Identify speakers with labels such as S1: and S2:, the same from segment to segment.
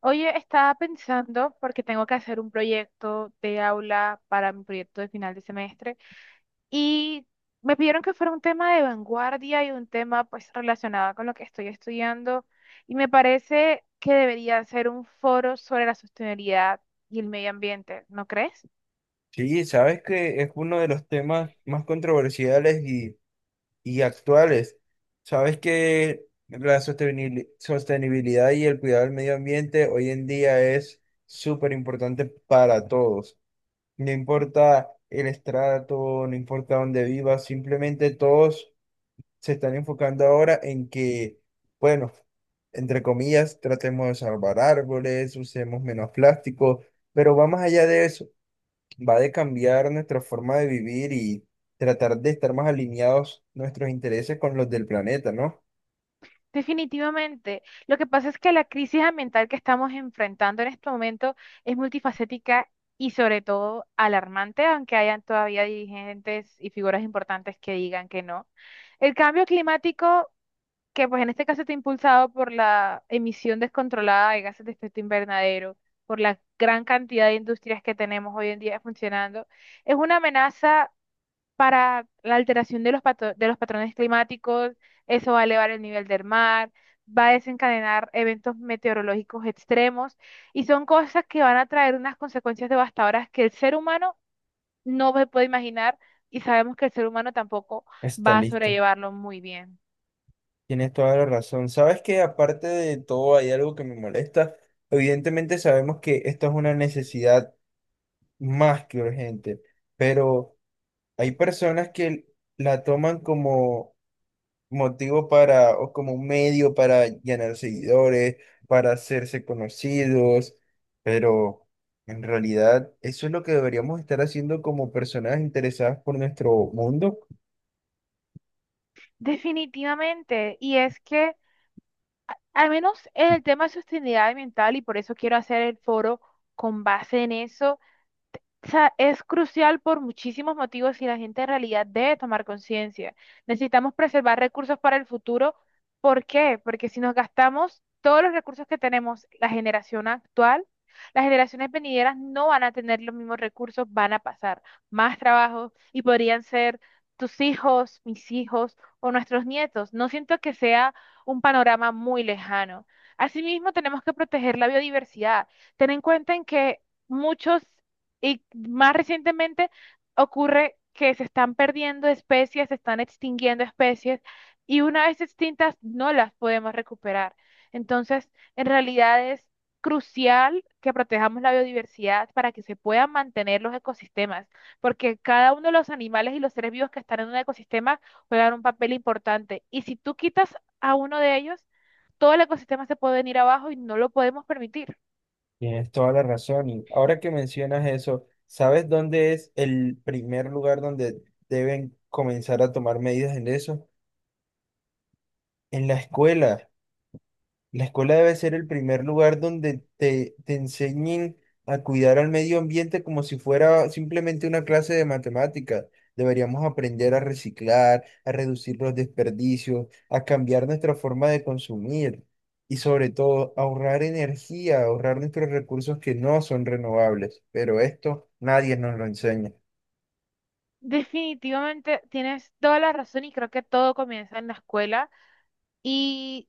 S1: Oye, estaba pensando, porque tengo que hacer un proyecto de aula para mi proyecto de final de semestre, y me pidieron que fuera un tema de vanguardia y un tema pues relacionado con lo que estoy estudiando, y me parece que debería ser un foro sobre la sostenibilidad y el medio ambiente, ¿no crees?
S2: Sí, sabes que es uno de los temas más controversiales y actuales. Sabes que la sostenibilidad y el cuidado del medio ambiente hoy en día es súper importante para todos. No importa el estrato, no importa dónde vivas, simplemente todos se están enfocando ahora en que, bueno, entre comillas, tratemos de salvar árboles, usemos menos plástico, pero va más allá de eso, va de cambiar nuestra forma de vivir y tratar de estar más alineados nuestros intereses con los del planeta, ¿no?
S1: Definitivamente. Lo que pasa es que la crisis ambiental que estamos enfrentando en este momento es multifacética y sobre todo alarmante, aunque hayan todavía dirigentes y figuras importantes que digan que no. El cambio climático, que pues en este caso está impulsado por la emisión descontrolada de gases de efecto invernadero, por la gran cantidad de industrias que tenemos hoy en día funcionando, es una amenaza para la alteración de los, de los patrones climáticos, eso va a elevar el nivel del mar, va a desencadenar eventos meteorológicos extremos y son cosas que van a traer unas consecuencias devastadoras que el ser humano no se puede imaginar y sabemos que el ser humano tampoco
S2: Está
S1: va a
S2: listo.
S1: sobrellevarlo muy bien.
S2: Tienes toda la razón. Sabes que aparte de todo hay algo que me molesta. Evidentemente sabemos que esto es una necesidad más que urgente, pero hay personas que la toman como motivo para, o como un medio para ganar seguidores, para hacerse conocidos, pero en realidad eso es lo que deberíamos estar haciendo como personas interesadas por nuestro mundo.
S1: Definitivamente, y es que al menos el tema de sostenibilidad ambiental, y por eso quiero hacer el foro con base en eso, o sea, es crucial por muchísimos motivos y la gente en realidad debe tomar conciencia. Necesitamos preservar recursos para el futuro. ¿Por qué? Porque si nos gastamos todos los recursos que tenemos, la generación actual, las generaciones venideras no van a tener los mismos recursos, van a pasar más trabajo y podrían ser tus hijos, mis hijos o nuestros nietos. No siento que sea un panorama muy lejano. Asimismo, tenemos que proteger la biodiversidad. Ten en cuenta en que muchos y más recientemente ocurre que se están perdiendo especies, se están extinguiendo especies y una vez extintas no las podemos recuperar. Entonces, en realidad es crucial que protejamos la biodiversidad para que se puedan mantener los ecosistemas, porque cada uno de los animales y los seres vivos que están en un ecosistema juegan un papel importante. Y si tú quitas a uno de ellos, todo el ecosistema se puede venir abajo y no lo podemos permitir.
S2: Tienes toda la razón. Y ahora que mencionas eso, ¿sabes dónde es el primer lugar donde deben comenzar a tomar medidas en eso? En la escuela. La escuela debe ser el primer lugar donde te enseñen a cuidar al medio ambiente como si fuera simplemente una clase de matemáticas. Deberíamos aprender a reciclar, a reducir los desperdicios, a cambiar nuestra forma de consumir y sobre todo ahorrar energía, ahorrar nuestros recursos que no son renovables. Pero esto nadie nos lo enseña.
S1: Definitivamente tienes toda la razón y creo que todo comienza en la escuela. Y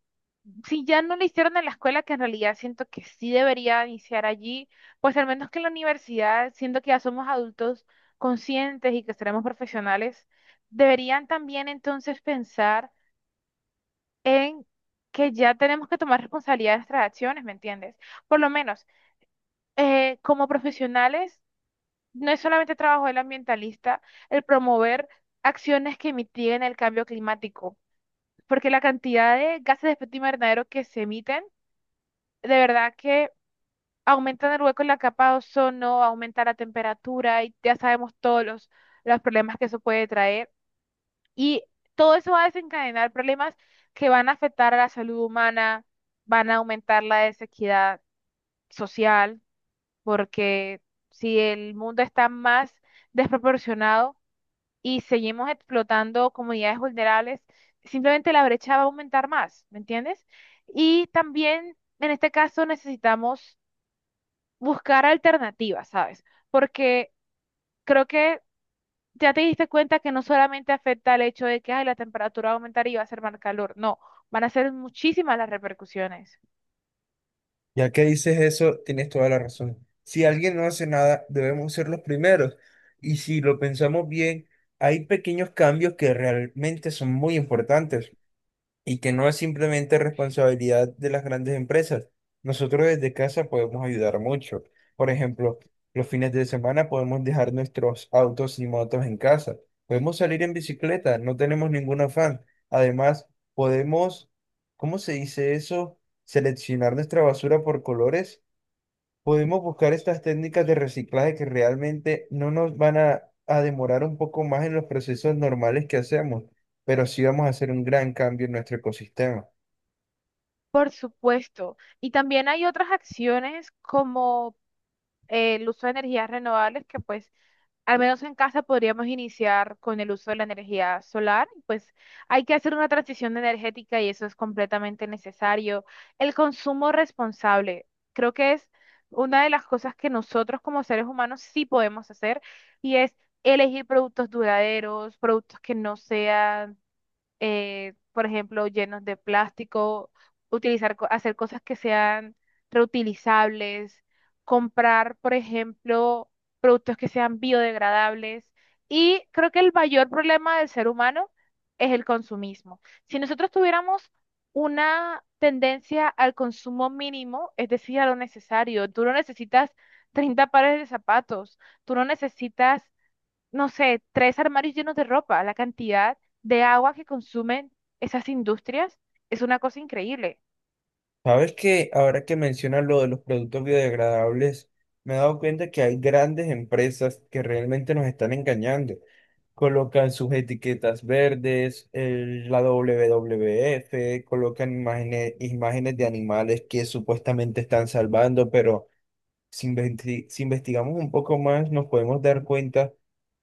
S1: si ya no lo hicieron en la escuela, que en realidad siento que sí debería iniciar allí, pues al menos que en la universidad, siento que ya somos adultos conscientes y que seremos profesionales, deberían también entonces pensar en que ya tenemos que tomar responsabilidad de nuestras acciones, ¿me entiendes? Por lo menos, como profesionales. No es solamente trabajo del ambientalista el promover acciones que mitiguen el cambio climático, porque la cantidad de gases de efecto invernadero que se emiten, de verdad que aumentan el hueco en la capa de ozono, aumenta la temperatura y ya sabemos todos los problemas que eso puede traer. Y todo eso va a desencadenar problemas que van a afectar a la salud humana, van a aumentar la desequidad social, porque si el mundo está más desproporcionado, y seguimos explotando comunidades vulnerables, simplemente la brecha va a aumentar más, ¿me entiendes? Y también en este caso necesitamos buscar alternativas, ¿sabes? Porque creo que ya te diste cuenta que no solamente afecta el hecho de que ay, la temperatura va a aumentar y va a ser más calor, no, van a ser muchísimas las repercusiones.
S2: Ya que dices eso, tienes toda la razón. Si alguien no hace nada, debemos ser los primeros. Y si lo pensamos bien, hay pequeños cambios que realmente son muy importantes y que no es simplemente responsabilidad de las grandes empresas. Nosotros desde casa podemos ayudar mucho. Por ejemplo, los fines de semana podemos dejar nuestros autos y motos en casa. Podemos salir en bicicleta, no tenemos ningún afán. Además, podemos, ¿cómo se dice eso? Seleccionar nuestra basura por colores, podemos buscar estas técnicas de reciclaje que realmente no nos van a demorar un poco más en los procesos normales que hacemos, pero sí vamos a hacer un gran cambio en nuestro ecosistema.
S1: Por supuesto. Y también hay otras acciones como el uso de energías renovables que pues al menos en casa podríamos iniciar con el uso de la energía solar, pues hay que hacer una transición energética y eso es completamente necesario. El consumo responsable, creo que es una de las cosas que nosotros como seres humanos sí podemos hacer y es elegir productos duraderos, productos que no sean por ejemplo, llenos de plástico, utilizar, hacer cosas que sean reutilizables, comprar, por ejemplo, productos que sean biodegradables. Y creo que el mayor problema del ser humano es el consumismo. Si nosotros tuviéramos una tendencia al consumo mínimo, es decir, a lo necesario, tú no necesitas 30 pares de zapatos, tú no necesitas no sé, tres armarios llenos de ropa. La cantidad de agua que consumen esas industrias es una cosa increíble.
S2: Sabes que ahora que mencionas lo de los productos biodegradables, me he dado cuenta que hay grandes empresas que realmente nos están engañando. Colocan sus etiquetas verdes, la WWF, colocan imágenes, imágenes de animales que supuestamente están salvando, pero si investigamos un poco más, nos podemos dar cuenta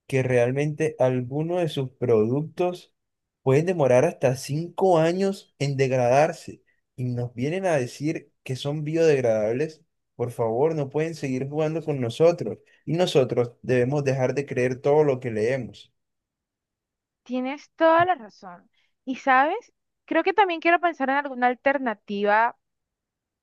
S2: que realmente algunos de sus productos pueden demorar hasta 5 años en degradarse y nos vienen a decir que son biodegradables. Por favor, no pueden seguir jugando con nosotros y nosotros debemos dejar de creer todo lo que leemos.
S1: Tienes toda la razón. Y sabes, creo que también quiero pensar en alguna alternativa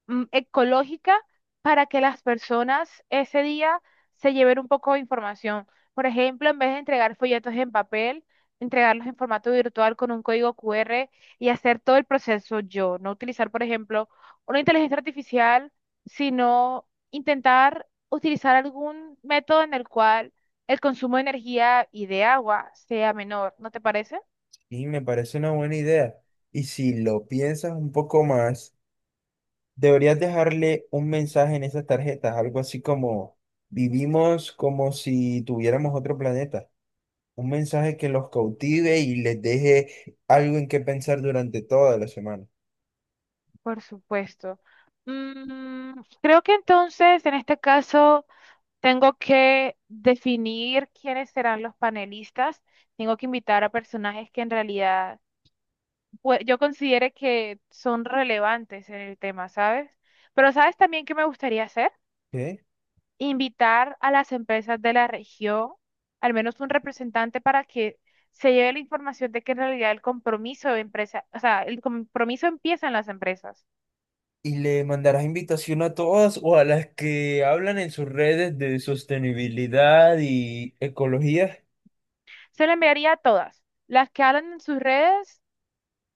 S1: ecológica para que las personas ese día se lleven un poco de información. Por ejemplo, en vez de entregar folletos en papel, entregarlos en formato virtual con un código QR y hacer todo el proceso yo. No utilizar, por ejemplo, una inteligencia artificial, sino intentar utilizar algún método en el cual el consumo de energía y de agua sea menor. ¿No te parece?
S2: Y me parece una buena idea. Y si lo piensas un poco más, deberías dejarle un mensaje en esas tarjetas, algo así como vivimos como si tuviéramos otro planeta. Un mensaje que los cautive y les deje algo en qué pensar durante toda la semana.
S1: Por supuesto. Creo que entonces, en este caso. Tengo que definir quiénes serán los panelistas. Tengo que invitar a personajes que en realidad pues, yo considere que son relevantes en el tema, ¿sabes? Pero ¿sabes también qué me gustaría hacer?
S2: ¿Qué?
S1: Invitar a las empresas de la región, al menos un representante para que se lleve la información de que en realidad el compromiso de empresa, o sea, el compromiso empieza en las empresas.
S2: Y le mandarás invitación a todas o a las que hablan en sus redes de sostenibilidad y ecología.
S1: Se lo enviaría a todas, las que hablan en sus redes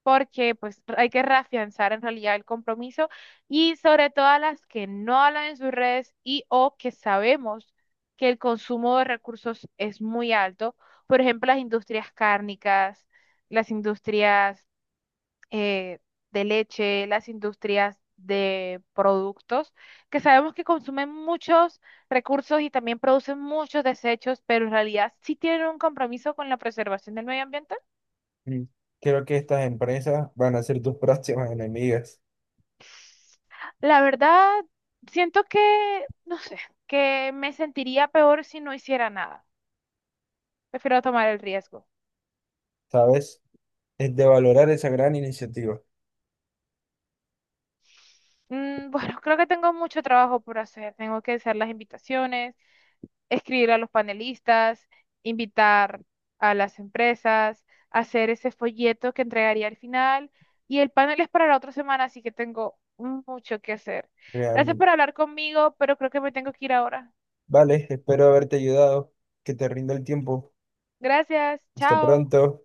S1: porque pues hay que reafianzar en realidad el compromiso y sobre todo a las que no hablan en sus redes y o que sabemos que el consumo de recursos es muy alto, por ejemplo, las industrias cárnicas, las industrias eh, de leche, las industrias de productos, que sabemos que consumen muchos recursos y también producen muchos desechos, pero en realidad sí tienen un compromiso con la preservación del medio ambiente.
S2: Mm, creo que estas empresas van a ser tus próximas enemigas,
S1: La verdad, siento que, no sé, que me sentiría peor si no hiciera nada. Prefiero tomar el riesgo.
S2: ¿sabes? Es de valorar esa gran iniciativa,
S1: Bueno, creo que tengo mucho trabajo por hacer. Tengo que hacer las invitaciones, escribir a los panelistas, invitar a las empresas, hacer ese folleto que entregaría al final. Y el panel es para la otra semana, así que tengo mucho que hacer. Gracias
S2: realmente.
S1: por hablar conmigo, pero creo que me tengo que ir ahora.
S2: Vale, espero haberte ayudado. Que te rinda el tiempo.
S1: Gracias,
S2: Hasta
S1: chao.
S2: pronto.